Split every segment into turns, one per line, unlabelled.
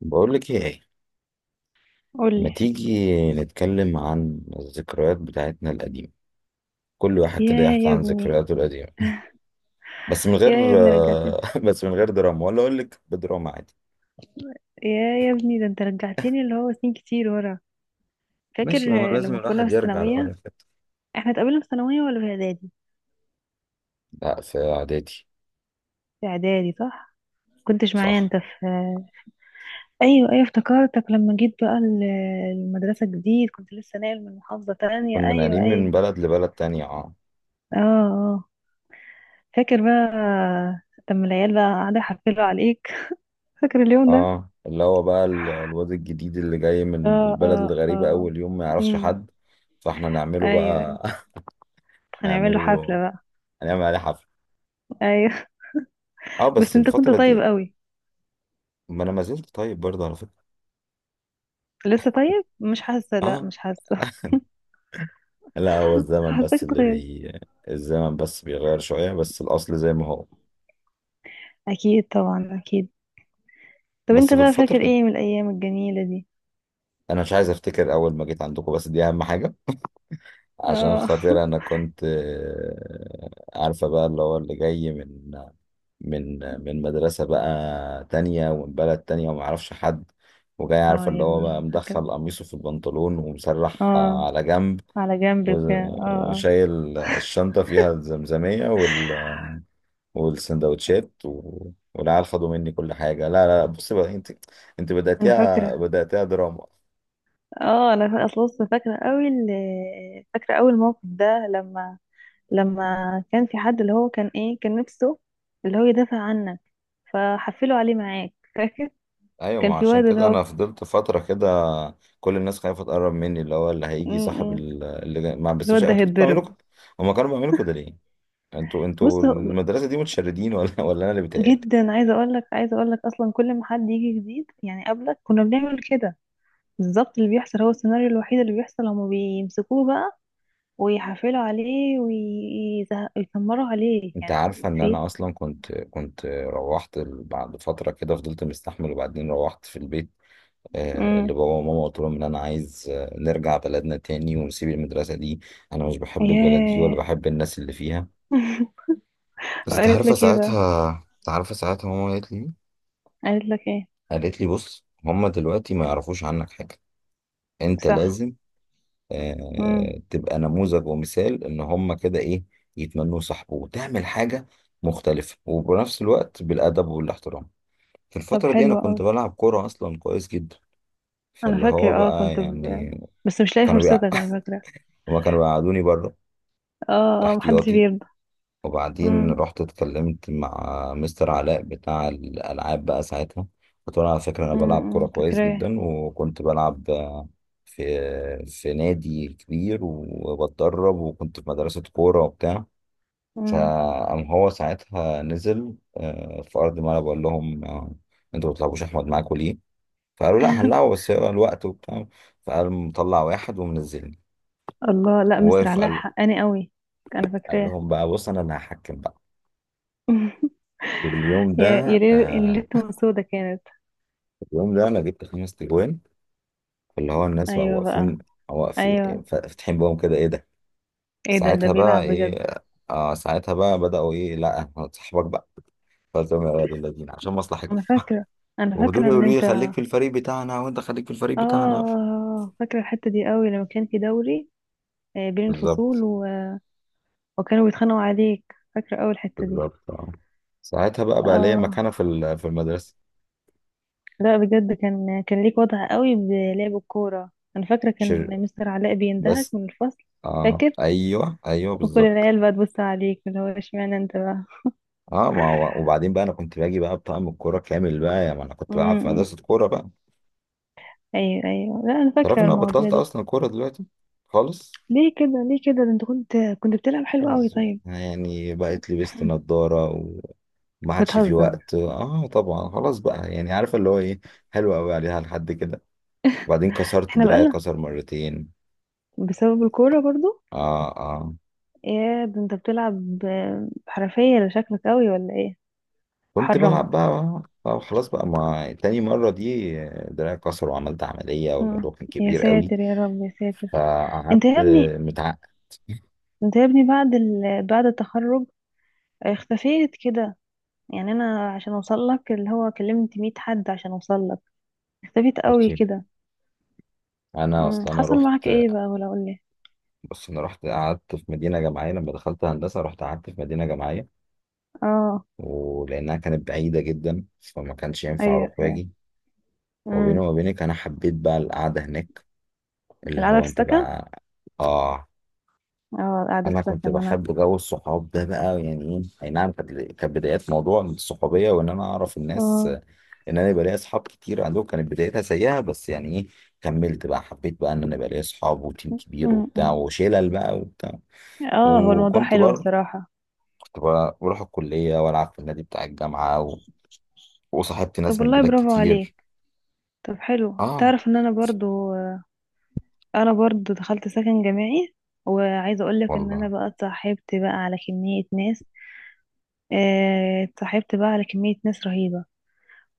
بقول لك ايه؟ ما
قولي.
تيجي نتكلم عن الذكريات بتاعتنا القديمة؟ كل واحد
يا
كده يحكي
يا
عن
ابني،
ذكرياته القديمة، بس من
يا
غير
ابني رجعتني.
بس من غير دراما، ولا اقول لك بدراما عادي.
يا ابني ده انت رجعتني اللي هو سنين كتير ورا. فاكر
ماشي، ما هو لازم
لما كنا
الواحد
في
يرجع لورا
الثانوية؟
كده.
احنا اتقابلنا في ثانوية ولا في اعدادي؟
لا، في اعدادي
في اعدادي، صح. كنتش معايا
صح.
انت في... ايوه ايوه، افتكرتك لما جيت بقى المدرسة جديد، كنت لسه ناقل من محافظة تانية.
كنا
ايوه
ناقلين من
ايوه،
بلد لبلد تانية، اه.
اه اه. فاكر بقى آه، لما العيال بقى قاعدة يحفلوا عليك؟ فاكر اليوم ده؟
اه، اللي هو بقى الواد الجديد اللي جاي من
اه
البلد
اه
الغريبة،
اه.
اول يوم ما يعرفش
امم.
حد، فاحنا نعمله
ايوه أيوة.
بقى.
هنعمل له حفلة
نعمله،
بقى.
هنعمل عليه حفلة.
ايوه.
اه، بس
بس انت كنت
الفترة
طيب
دي.
قوي.
ما انا ما زلت طيب برضه على فكرة.
لسه طيب؟ مش حاسه، لا
اه،
مش حاسه.
لا هو الزمن
حاساك
بس اللي
اتغيرت.
بي الزمن بس بيغير شوية، بس الأصل زي ما هو.
اكيد طبعا اكيد. طب
بس
انت
في
بقى فاكر
الفترة،
ايه من الايام الجميله دي؟
أنا مش عايز أفتكر أول ما جيت عندكم، بس دي أهم حاجة. عشان
اه.
خاطر أنا كنت عارفة بقى اللي هو اللي جاي من من مدرسة بقى تانية، ومن بلد تانية، ومعرفش حد. وجاي
اه
عارفة
يا
اللي هو بقى
ابني، فاكره.
مدخل قميصه في البنطلون ومسرح
اه،
على جنب،
على جنبك، اه اه.
وشايل الشنطة، فيها الزمزمية والسندوتشات والعيال خدوا مني كل حاجة. لا لا، بص بقى انت، انت
انا
بدأتيها
فاكره.
بدأتيها دراما.
اه، انا اصلا لسه فاكره قوي فاكره اول موقف ده لما... لما كان في حد اللي هو كان ايه، كان نفسه اللي هو يدافع عنك، فحفلوا عليه معاك، فاكر؟
ايوه،
كان
ما
في
عشان
واد اللي
كده
هو...
انا فضلت فترة كده كل الناس خايفة تقرب مني. اللي هو اللي
م-
هيجي صاحب
م-
اللي جاي، ما بس مش
الواد ده
انتوا كنتوا
هيتضرب.
بتعملوا كده؟ هما كانوا بيعملوا كده ليه؟ انتوا
بص،
انتوا المدرسة دي متشردين، ولا ولا انا اللي بيتهيألي؟
جدا عايزه اقول لك اصلا كل ما حد يجي جديد، يعني قبلك كنا بنعمل كده. بالظبط اللي بيحصل هو السيناريو الوحيد اللي بيحصل. هما بيمسكوه بقى ويحفلوا عليه ويتمروا عليه،
انت
يعني هو
عارفة ان
في...
انا اصلا كنت روحت بعد فترة كده فضلت مستحمل، وبعدين روحت في البيت.
امم.
لبابا وماما قلت لهم ان انا عايز نرجع بلدنا تاني ونسيب المدرسة دي. انا مش بحب البلد دي، ولا
ياه.
بحب الناس اللي فيها. بس انت
قالت
عارفه
لك ايه بقى؟
ساعتها، انت عارفه ساعتها ماما قالت لي ايه؟
قالت لك ايه؟
قالت لي بص، هما دلوقتي ما يعرفوش عنك حاجة، انت
صح.
لازم
امم.
تبقى نموذج ومثال، ان هما كده ايه، يتمنوا صاحبه، وتعمل حاجة مختلفة، وبنفس الوقت بالأدب والاحترام. في
طب
الفترة دي أنا
حلو
كنت
قوي.
بلعب كورة أصلا كويس جدا،
انا
فاللي هو
فاكره، اه،
بقى
كنت
يعني،
بس مش لاقي
كانوا
فرصتك،
بيقع...
انا فاكره.
هما كانوا بيقعدوني بره
اه اه، محدش
احتياطي.
بيرضى.
وبعدين
امم.
رحت اتكلمت مع مستر علاء بتاع الالعاب بقى ساعتها، قلت له على فكره انا بلعب كوره
أمم،
كويس
فاكراه.
جدا، وكنت بلعب في في نادي كبير وبتدرب، وكنت في مدرسه كوره وبتاع.
امم.
فقام هو ساعتها نزل في ارض الملعب وقال لهم انتوا ما بتلعبوش احمد معاكم ليه؟ فقالوا لا هنلعبه، بس هو الوقت وبتاع. فقال مطلع واحد ومنزلني،
الله، لا مستر
ووقف
علاء
قال،
حقاني قوي. انا
قال
فاكراه.
لهم بقى بص، انا اللي هحكم بقى في اليوم
يا
ده.
ريت اللي
آه،
تكون سودا كانت.
في اليوم ده انا جبت خمس تجوان، اللي هو الناس بقوا
ايوه بقى.
واقفين،
ايوه.
واقفين فاتحين بقهم كده، ايه ده؟
ايه ده، ده
ساعتها بقى
بيلعب بجد.
ايه، آه ساعتها بقى بدأوا ايه، لا صاحبك بقى، فزم يا ولاد الذين عشان مصلحتكم.
انا فاكره. انا
ودول
فاكره ان
يقولوا لي
انت...
خليك في الفريق بتاعنا، وانت خليك في الفريق بتاعنا.
اه، فاكره الحته دي قوي لما كان في دوري بين الفصول
بالظبط
و... وكانوا بيتخانقوا عليك، فاكره قوي الحته دي.
بالظبط آه. ساعتها بقى بقى ليا
اه،
مكانة في في المدرسة.
لا بجد، كان ليك وضع قوي بلعب الكوره، انا فاكره كان
شر
مستر علاء بيندهك
بس.
من الفصل.
آه
فاكر،
ايوه، ايوه
وكل
بالظبط.
العيال بقى تبص عليك اللي هو اشمعنى انت بقى؟
اه ما هو وبعدين بقى انا كنت باجي بقى بطقم الكوره كامل بقى، يعني ما انا كنت
م-
بلعب في
م.
مدرسه كوره بقى.
ايوه ايوه، لا انا
تعرف
فاكره
ان انا
المواضيع
بطلت
دي.
اصلا كوره دلوقتي خالص؟
ليه كده، ليه كده؟ ده انت كنت بتلعب حلو قوي،
خلاص بقى.
طيب.
يعني بقيت لبست نظاره، وما عادش في
بتهزر.
وقت. اه طبعا خلاص بقى، يعني عارف اللي هو ايه، حلوه قوي عليها لحد كده. وبعدين كسرت
احنا
دراعي
بقالنا،
كسر مرتين.
بسبب الكوره برضو.
اه
يا ده انت بتلعب بحرفيه، لا شكلك قوي ولا ايه؟
كنت بلعب
حرمت.
بقى آه خلاص بقى، ما تاني مرة دي دراعي كسر، وعملت عملية،
مم.
والموضوع كان
يا
كبير قوي.
ساتر يا رب، يا ساتر. انت
فقعدت
يا ابني،
متعقد.
انت يا ابني بعد بعد التخرج اختفيت كده. يعني انا عشان اوصل لك اللي هو كلمت 100 حد عشان اوصل لك. اختفيت قوي
بصي،
كده.
انا
مم.
اصلا انا
حصل معاك
رحت
ايه بقى؟ ولا قول لي.
بص، انا رحت قعدت في مدينه جامعيه لما دخلت هندسه، رحت قعدت في مدينه جامعيه.
اه،
ولانها كانت بعيده جدا، فما كانش ينفع
ايوه
اروح
ايوه.
واجي. وبيني
امم.
وما بينك انا حبيت بقى القعده هناك. اللي
القعده
هو
في
انت
السكن.
بقى، اه،
اه، قاعدة
انا كنت
بستسلم انا.
بحب جو الصحاب ده بقى، يعني ايه، اي نعم، كانت بدايات موضوع الصحوبيه، وان انا اعرف الناس،
اه.
ان انا يبقى ليا اصحاب كتير عندهم. كانت بدايتها سيئه، بس يعني ايه، كملت بقى، حبيت بقى ان انا يبقى ليا اصحاب وتيم كبير
م-
وبتاع
م.
وشلل بقى وبتاع.
اه، هو الموضوع
وكنت
حلو
برضه
بصراحة.
كنت بروح الكلية وألعب في النادي بتاع الجامعة وصاحبت
طب
ناس من
والله
بلاد
برافو
كتير.
عليك. طب حلو،
اه
تعرف ان انا برضو، انا برضو دخلت سكن جامعي وعايزة اقولك ان انا
والله.
بقى اتصاحبت بقى على كمية ناس اتصاحبت بقى على كمية ناس رهيبة.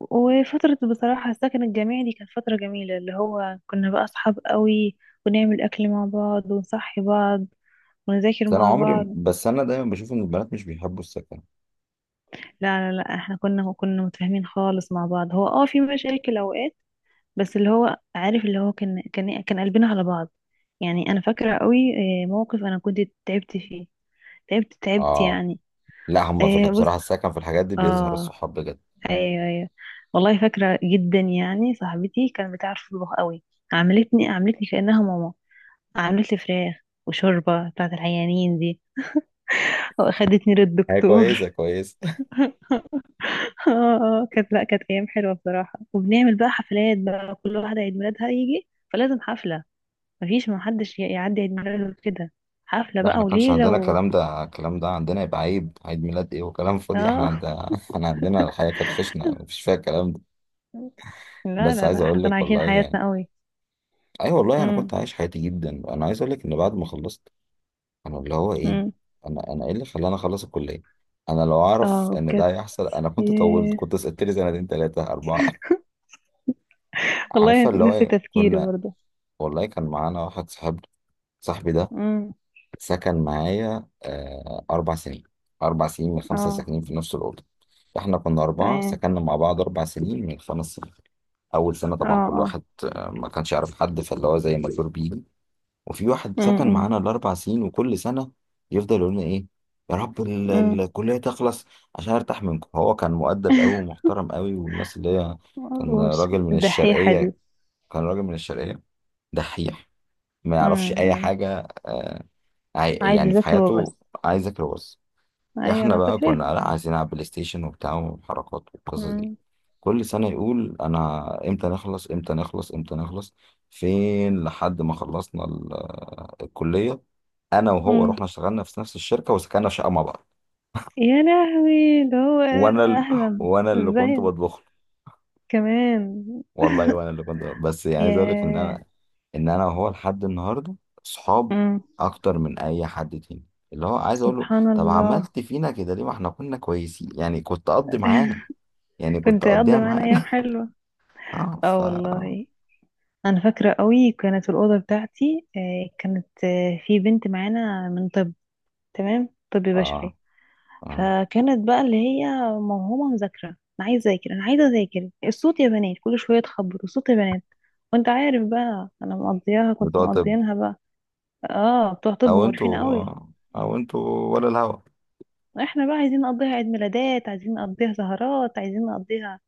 وفترة بصراحة السكن الجامعي دي كانت فترة جميلة، اللي هو كنا بقى اصحاب قوي ونعمل اكل مع بعض ونصحي بعض ونذاكر
بس أنا
مع
عمري،
بعض.
بس أنا دايما بشوف إن البنات مش بيحبوا السكن.
لا لا لا، احنا كنا متفاهمين خالص مع بعض. هو اه في مشاكل اوقات، بس اللي هو عارف اللي هو كان قلبنا على بعض. يعني انا فاكره قوي موقف انا كنت تعبت فيه، تعبت تعبت
اه
يعني.
لا، هما في
بص.
بصراحة السكن في الحاجات دي بيظهر
اه،
الصحاب بجد.
ايوه ايوه. والله فاكره جدا، يعني صاحبتي كانت بتعرف تطبخ قوي. عملتني كانها ماما، عملت لي فراخ وشوربه بتاعت العيانين دي واخدتني
هي
للدكتور.
كويسة كويسة
اه. اه كانت، لا كانت ايام حلوه بصراحه، وبنعمل بقى حفلات بقى، كل واحده عيد ميلادها يجي فلازم حفله. مفيش ما حدش يعدي عيد ميلاده كده. حفله
ده
بقى
احنا كانش
وليله
عندنا
و...
الكلام ده، الكلام ده عندنا يبقى عيد، عيد ميلاد ايه وكلام فاضي؟ احنا
اه.
عندنا احنا عندنا الحياة كانت خشنة مفيش فيها الكلام ده.
لا
بس
لا
عايز
لا، احنا
اقول
كنا
لك
عايشين
والله يعني،
حياتنا قوي.
اي أيوة والله انا
امم
كنت عايش حياتي جدا، انا عايز اقول لك ان بعد ما خلصت، انا اللي هو ايه،
امم
انا ايه اللي خلاني اخلص الكليه؟ انا لو اعرف
اه
ان ده
كانت.
هيحصل، انا كنت طولت،
ياه.
كنت سقطت لي سنتين ثلاثه اربعه. عارفه
والله
اللي هو
نسي
إيه؟
تفكيري
كنا،
برضه.
والله كان معانا واحد صاحبنا، صاحبي ده
امم.
سكن معايا آه 4 سنين. 4 سنين من خمسه
اه.
ساكنين في نفس الاوضه. احنا كنا اربعه
تمام.
سكننا مع بعض 4 سنين من 5 سنين. اول سنه
اه
طبعا كل
اه.
واحد ما كانش يعرف حد، فاللي هو زي ما تقول بيه. وفي واحد سكن
امم.
معانا ال4 سنين، وكل سنه يفضل يقول لنا ايه، يا رب
امم
الكليه تخلص عشان ارتاح منكم. هو كان مؤدب قوي ومحترم قوي والناس اللي هي، كان
وش
راجل من
الدحيحه دي.
الشرقيه كان راجل من الشرقيه، دحيح، ما يعرفش اي
امم.
حاجه.
عايز
يعني في
يذاكر
حياته
وبس.
عايزك بس.
ايوه
احنا
انا
بقى كنا
فاكراها.
لا، عايزين نلعب بلاي ستيشن وبتاع وحركات والقصص دي. كل سنة يقول انا امتى نخلص، امتى نخلص، امتى نخلص. فين لحد ما خلصنا الكلية، انا وهو
امم.
رحنا اشتغلنا في نفس الشركة، وسكننا في شقة مع بعض.
يا لهوي ده هو.
وانا ال...
اهلا.
وانا اللي كنت
ازاي
بطبخ له
كمان.
والله، وانا اللي كنت، بس يعني عايز اقول لك ان
ياه.
انا، ان انا وهو لحد النهارده صحاب،
مم.
اكتر من اي حد تاني. اللي هو عايز اقول له،
سبحان
طب
الله.
عملت فينا كده ليه؟ ما احنا كنا كويسين، يعني كنت قضي معانا، يعني كنت
كنت اقضي
اقضيها
معانا ايام
معانا.
حلوه.
اه ف،
اه والله. انا فاكره قوي كانت الاوضه بتاعتي، كانت في بنت معانا من طب. تمام، طب
اه
بشري.
اه،
فكانت بقى اللي هي موهومه مذاكره. انا عايزه اذاكر، انا عايزه اذاكر، الصوت يا بنات، كل شويه تخبط الصوت يا بنات. وانت عارف بقى انا مقضياها كنت
بتوع طب.
مقضيينها بقى. اه، بتوع طب
او
مقرفين
انتوا
قوي.
او انتوا، ولا الهوا؟
احنا بقى عايزين نقضيها عيد ميلادات، عايزين نقضيها سهرات، عايزين نقضيها.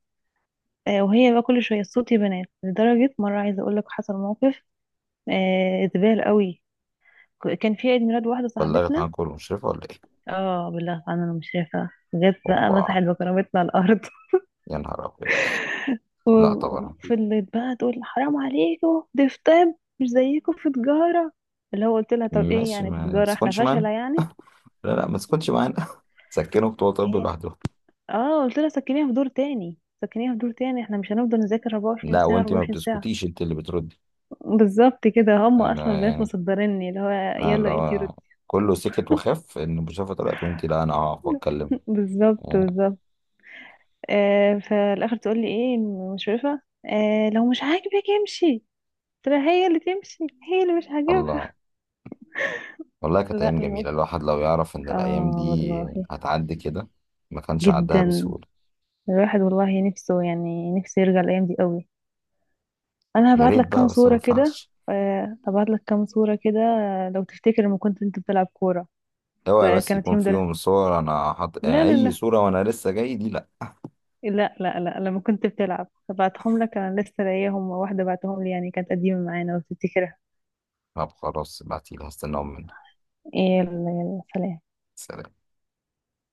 آه، وهي بقى كل شويه الصوت بنات. لدرجه مره، عايزه اقول لك حصل موقف زبال قوي. كان في عيد ميلاد واحده
بلغت
صاحبتنا.
عنكم المشرفة ولا ايه؟
اه بالله طبعاً، انا مش شايفه جت بقى
اوبا،
مسحت بكرامتنا على الارض.
يا نهار ابيض. لا طبعا.
وفضلت بقى تقول حرام عليكم، دي في طب، مش زيكم في تجاره. اللي هو قلت لها طب ايه
ماشي،
يعني في
ما
تجاره احنا
تسكنش معانا.
فاشله يعني؟
لا لا، ما تسكتش معانا. سكنوا بتوع طب
هي.
لوحدهم.
اه قلت لها سكنيها في دور تاني، سكنيها في دور تاني، احنا مش هنفضل نذاكر 24
لا
ساعة
وانت ما
24 ساعة.
بتسكتيش، انت اللي بتردي.
بالظبط كده هم اصلا
انا
البنات
يعني،
مصدرني اللي هو
انا
يلا انتي
لو،
ردي.
كله سكت وخاف ان المشرفه طلعت، وانت لا، انا هقف واتكلم.
بالظبط
آه،
بالظبط. آه، فالاخر تقول لي ايه المشرفه؟ آه لو مش عاجبك امشي. ترى هي اللي تمشي، هي اللي مش عاجبها.
الله، والله كانت
لا
أيام جميلة.
الموقف.
الواحد لو يعرف إن الأيام
اه
دي
والله.
هتعدي كده، ما كانش عدها
جدا،
بسهولة.
الواحد والله نفسه، يعني نفسه يرجع الايام دي قوي. انا
يا
هبعت
ريت
لك
بقى،
كام
بس ما
صوره كده.
ينفعش.
آه، هبعت لك كام صوره كده، لو تفتكر لما كنت انت بتلعب كوره.
اوعي بس
كانت
يكون
يوم ده.
فيهم صور أنا حط
لا لا
أي
لا.
صورة، وأنا لسه جاي دي لأ.
لا لا لا، لما كنت بتلعب بعتهم لك. انا لسه لاقيهم، واحدة بعتهم لي، يعني كانت قديمة معانا لو تفتكرها.
طب خلاص ابعتيلي، هستناهم منك.
يلا يلا، سلام.
سلام.